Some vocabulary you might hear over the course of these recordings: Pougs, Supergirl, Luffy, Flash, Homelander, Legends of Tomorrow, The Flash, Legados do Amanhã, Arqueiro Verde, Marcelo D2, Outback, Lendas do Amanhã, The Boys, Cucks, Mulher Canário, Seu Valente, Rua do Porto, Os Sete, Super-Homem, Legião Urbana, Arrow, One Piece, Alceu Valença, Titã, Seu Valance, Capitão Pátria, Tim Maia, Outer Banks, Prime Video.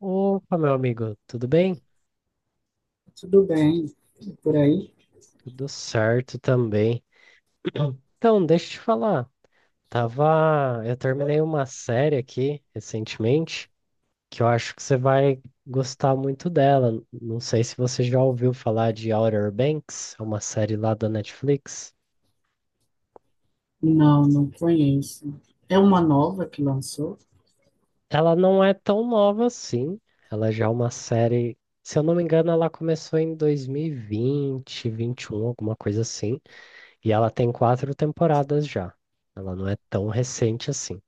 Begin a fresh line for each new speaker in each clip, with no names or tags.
Opa, meu amigo, tudo bem?
Tudo bem. Por aí?
Tudo certo também. Então, deixa eu te falar. Eu terminei uma série aqui recentemente que eu acho que você vai gostar muito dela. Não sei se você já ouviu falar de Outer Banks, é uma série lá da Netflix.
Não, não conheço. É uma nova que lançou?
Ela não é tão nova assim. Ela já é uma série, se eu não me engano, ela começou em 2020, vinte e um, alguma coisa assim. E ela tem quatro temporadas já. Ela não é tão recente assim.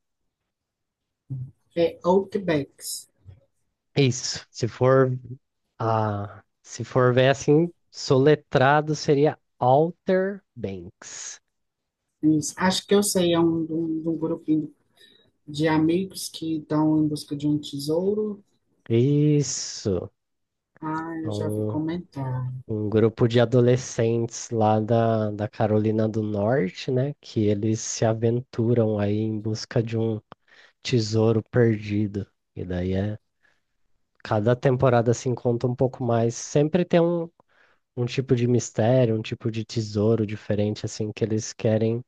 É Outbacks.
Isso. Se for ver assim, soletrado seria Outer Banks.
Isso. Acho que eu sei, é de um grupinho de amigos que estão em busca de um tesouro.
Isso.
Ah, eu já vi
Um,
comentar.
um grupo de adolescentes lá da Carolina do Norte, né? Que eles se aventuram aí em busca de um tesouro perdido. E daí é. Cada temporada se conta um pouco mais. Sempre tem um tipo de mistério, um tipo de tesouro diferente, assim, que eles querem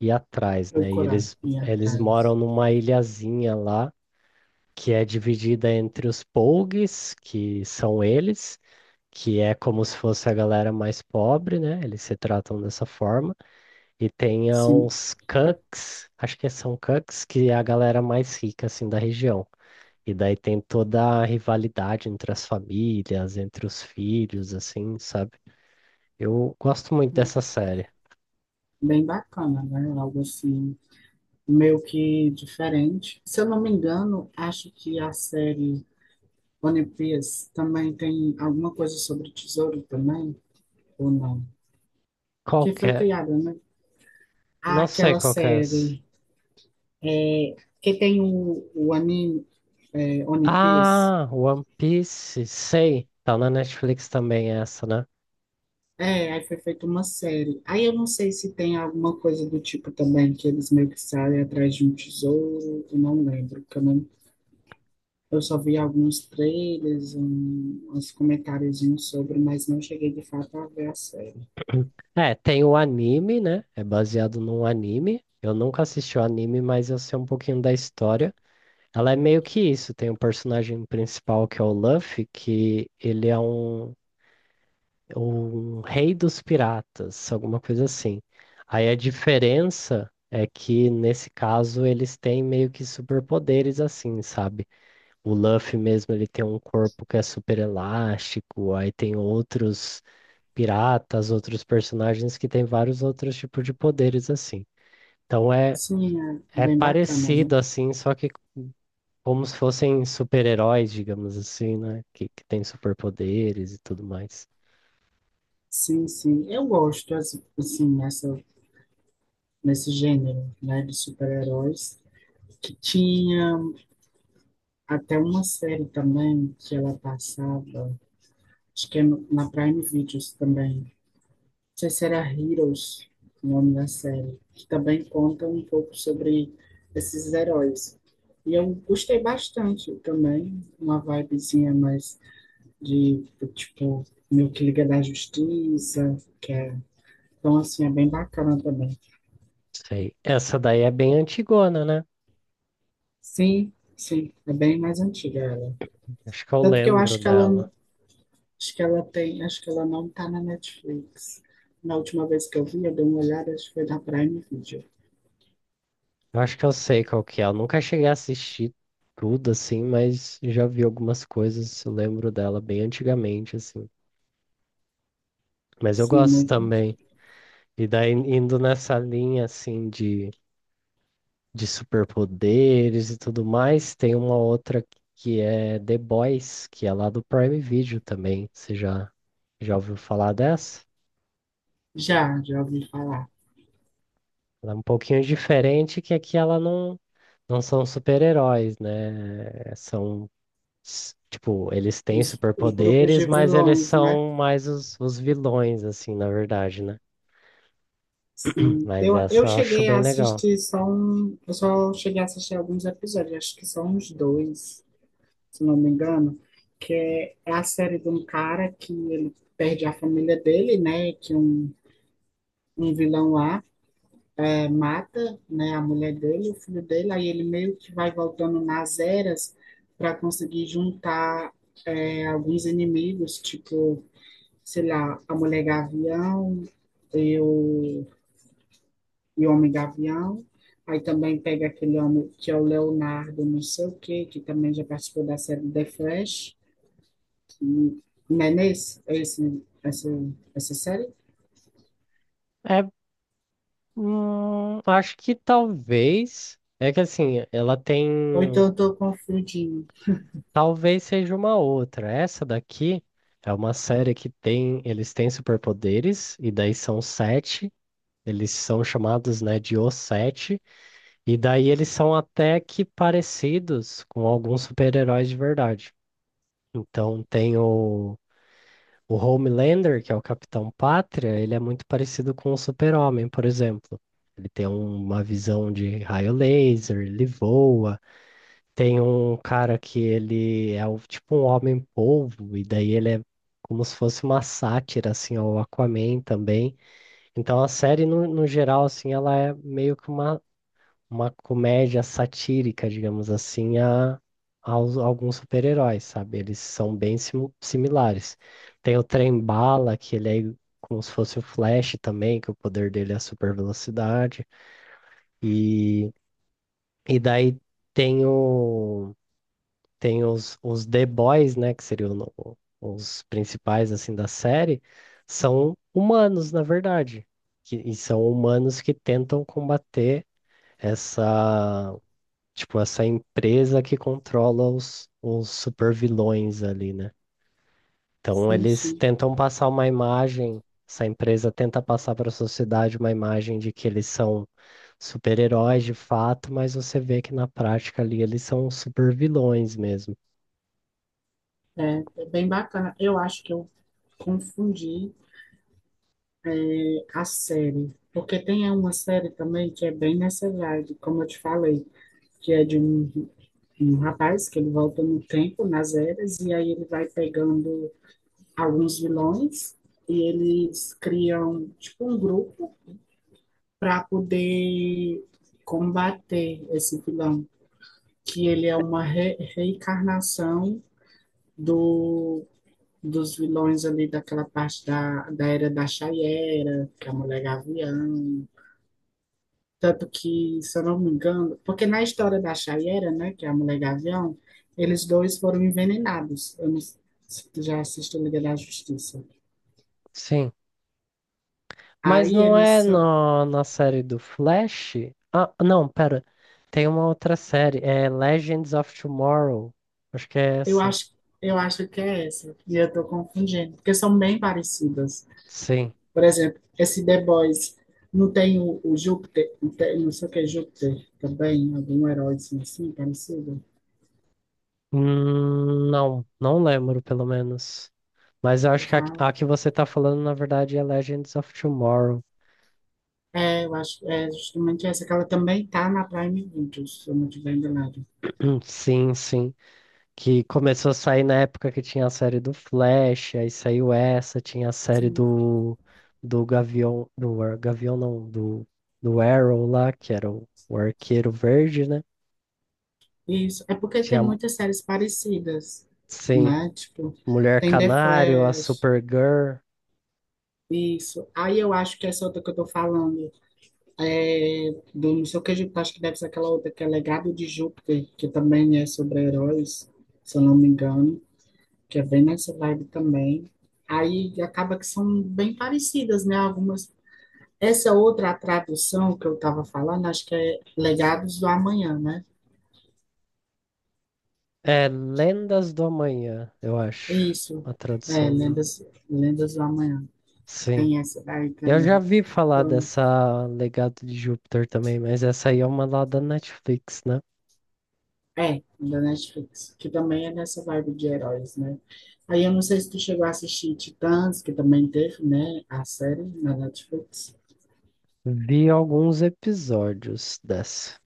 ir atrás, né? E
Procurar,
eles,
ir
eles
atrás.
moram numa ilhazinha lá, que é dividida entre os Pougs, que são eles, que é como se fosse a galera mais pobre, né? Eles se tratam dessa forma. E tem
Sim,
os Cucks, acho que são Cucks, que é a galera mais rica, assim, da região. E daí tem toda a rivalidade entre as famílias, entre os filhos, assim, sabe? Eu gosto muito dessa série.
bem bacana, né? Algo assim, meio que diferente. Se eu não me engano, acho que a série One Piece também tem alguma coisa sobre tesouro também, ou não?
Qual
Que
que
foi
é?
criada, né? Há
Não sei
aquela
qual que é essa.
série, é, que tem o anime, é, One Piece.
Ah, One Piece, sei. Tá na Netflix também essa, né?
É, aí foi feita uma série. Aí eu não sei se tem alguma coisa do tipo também, que eles meio que saem atrás de um tesouro, eu não lembro. Porque eu eu só vi alguns trailers, um, uns comentáriozinhos sobre, mas não cheguei de fato a ver a série.
É, tem o anime, né? É baseado num anime. Eu nunca assisti o anime, mas eu sei um pouquinho da história. Ela é meio que isso. Tem o personagem principal que é o Luffy, que ele é um rei dos piratas, alguma coisa assim. Aí a diferença é que nesse caso eles têm meio que superpoderes assim, sabe? O Luffy mesmo, ele tem um corpo que é super elástico, aí tem outros piratas, outros personagens que têm vários outros tipos de poderes assim. Então é
Sim, é
é
bem bacana,
parecido
né?
assim, só que como se fossem super-heróis, digamos assim, né? Que tem superpoderes e tudo mais.
Sim, sim. Eu gosto, assim, nesse gênero, né, de super-heróis. Que tinha até uma série também que ela passava, acho que é na Prime Videos também. Não sei se era Heroes, o nome da série, que também conta um pouco sobre esses heróis. E eu gostei bastante também, uma vibezinha mais de, tipo, meio que Liga da Justiça, que é... Então, assim, é bem bacana também.
Sei. Essa daí é bem antigona, né?
Sim, sim, é bem mais antiga ela.
Acho que eu
Tanto que eu
lembro
acho que
dela.
ela acho que ela tem, acho que ela não tá na Netflix. Na última vez que eu vi, eu dei uma olhada, acho que foi na Prime Video.
Eu acho que eu sei qual que é. Eu nunca cheguei a assistir tudo assim, mas já vi algumas coisas, eu lembro dela bem antigamente assim. Mas eu
Sim, é
gosto
muito.
também. E daí indo nessa linha assim de superpoderes e tudo mais, tem uma outra que é The Boys, que é lá do Prime Video também. Você já ouviu falar dessa?
Já, já ouvi falar.
Ela é um pouquinho diferente, que aqui ela não são super-heróis, né? Tipo, eles têm
Os grupos
superpoderes,
de
mas eles
vilões, né?
são mais os vilões, assim, na verdade, né?
Sim.
Mas
Eu,
essa
eu
eu acho
cheguei
bem
a
legal.
assistir só um, eu só cheguei a assistir alguns episódios, acho que são uns dois, se não me engano, que é, é a série de um cara que ele perde a família dele, né? Que um vilão lá, é, mata, né, a mulher dele, o filho dele, aí ele meio que vai voltando nas eras para conseguir juntar, é, alguns inimigos, tipo, sei lá, a mulher gavião e o, e o homem gavião. Aí também pega aquele homem que é o Leonardo, não sei o quê, que também já participou da série The Flash. E, não é nesse? É esse, né? Essa série?
É, acho que talvez. É que assim, ela tem.
Ou então eu tô confundindo.
Talvez seja uma outra. Essa daqui é uma série que tem. Eles têm superpoderes, e daí são sete. Eles são chamados, né, de Os Sete. E daí eles são até que parecidos com alguns super-heróis de verdade. Então tem o Homelander, que é o Capitão Pátria, ele é muito parecido com o Super-Homem, por exemplo. Ele tem uma visão de raio laser, ele voa. Tem um cara que ele é tipo um homem-polvo, e daí ele é como se fosse uma sátira, assim, ao Aquaman também. Então a série, no geral, assim, ela é meio que uma comédia satírica, digamos assim, a alguns super-heróis, sabe? Eles são bem similares. Tem o Trem-Bala, que ele é como se fosse o Flash também, que o poder dele é a super velocidade. E, e daí tem, o, tem os The Boys, né? Que seriam os principais, assim, da série. São humanos, na verdade. E são humanos que tentam combater essa tipo, essa empresa que controla os supervilões ali, né? Então
Sim,
eles
sim.
tentam passar uma imagem, essa empresa tenta passar para a sociedade uma imagem de que eles são super-heróis de fato, mas você vê que na prática ali eles são supervilões mesmo.
É, é bem bacana. Eu acho que eu confundi, é, a série, porque tem uma série também que é bem nessa vibe, como eu te falei, que é de um, um rapaz que ele volta no tempo, nas eras, e aí ele vai pegando alguns vilões e eles criam tipo um grupo para poder combater esse vilão, que ele é uma reencarnação do dos vilões ali daquela parte da era da Chayera, que é a Mulher Gavião. Tanto que, se eu não me engano, porque na história da Chayera, né, que é a Mulher Gavião, eles dois foram envenenados. Eu não, se tu já assistiu Liga da Justiça.
Sim. Mas
Aí
não
eles
é
são,
na série do Flash? Ah, não, pera. Tem uma outra série, é Legends of Tomorrow. Acho que é
eu
essa.
acho, eu acho que é essa, e eu tô confundindo, porque são bem parecidas.
Sim.
Por exemplo, esse The Boys não tem o Júpiter, não, não sei o que é Júpiter também, algum herói assim, assim parecido.
Não, não lembro, pelo menos. Mas eu acho que a que você tá falando, na verdade, é Legends of Tomorrow.
É, eu acho, é justamente essa, que ela também tá na Prime Videos, se eu não tiver enganado.
Sim, sim. Que começou a sair na época que tinha a série do Flash, aí saiu essa, tinha a série
Sim.
do Gavião, do Gavião não, do Arrow lá, que era o Arqueiro Verde, né?
Isso, é porque tem
Tinha,
muitas séries parecidas,
sim,
né? Tipo,
Mulher
tem The
Canário, a
Flash,
Supergirl.
isso. Aí eu acho que essa outra que eu tô falando, é do não sei o que, Júpiter, acho que deve ser aquela outra que é Legado de Júpiter, que também é sobre heróis, se eu não me engano, que é bem nessa vibe também. Aí acaba que são bem parecidas, né? Algumas. Essa outra tradução que eu estava falando, acho que é Legados do Amanhã, né?
É, Lendas do Amanhã, eu
É
acho,
isso,
a
é,
tradução.
Lendas, Lendas do Amanhã.
Sim.
Tem essa daí
Eu já
também.
vi falar
Então,
dessa Legado de Júpiter também, mas essa aí é uma lá da Netflix, né?
é, da Netflix, que também é nessa vibe de heróis, né? Aí eu não sei se tu chegou a assistir Titãs, que também teve, né? A série na Netflix.
Vi alguns episódios dessa.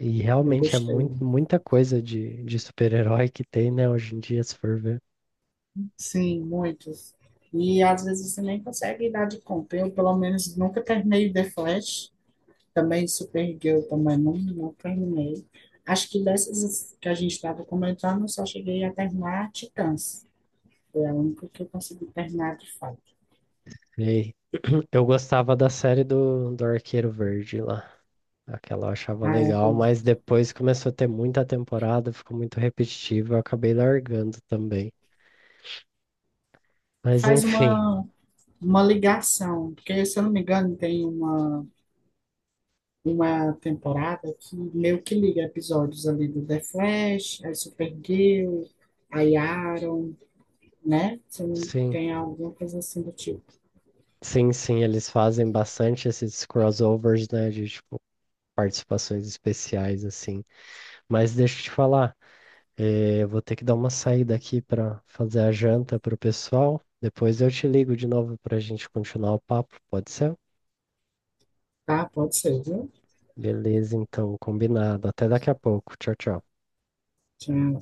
E
Eu
realmente é
gostei.
muito, muita coisa de super-herói que tem, né, hoje em dia, se for ver.
Sim, muitos. E às vezes você nem consegue dar de conta. Eu, pelo menos, nunca terminei The Flash. Também Supergirl, também não, não terminei. Acho que dessas que a gente estava comentando, eu só cheguei a terminar Titãs. Foi a única que eu consegui terminar de fato.
E eu gostava da série do Arqueiro Verde lá. Aquela eu achava
Ah, é
legal,
bom.
mas depois começou a ter muita temporada, ficou muito repetitivo, eu acabei largando também. Mas
Faz
enfim,
uma ligação, porque se eu não me engano, tem uma temporada que meio que liga episódios ali do The Flash, aí Supergirl, a Arrow, né? Se não-
sim.
Tem alguma coisa assim do tipo.
Sim, sim, eles fazem bastante esses crossovers, né, de tipo participações especiais assim. Mas deixa eu te falar, eu vou ter que dar uma saída aqui para fazer a janta pro pessoal. Depois eu te ligo de novo para a gente continuar o papo, pode ser?
Tá, pode ser, viu?
Beleza, então, combinado. Até daqui a pouco. Tchau, tchau.
Tchau.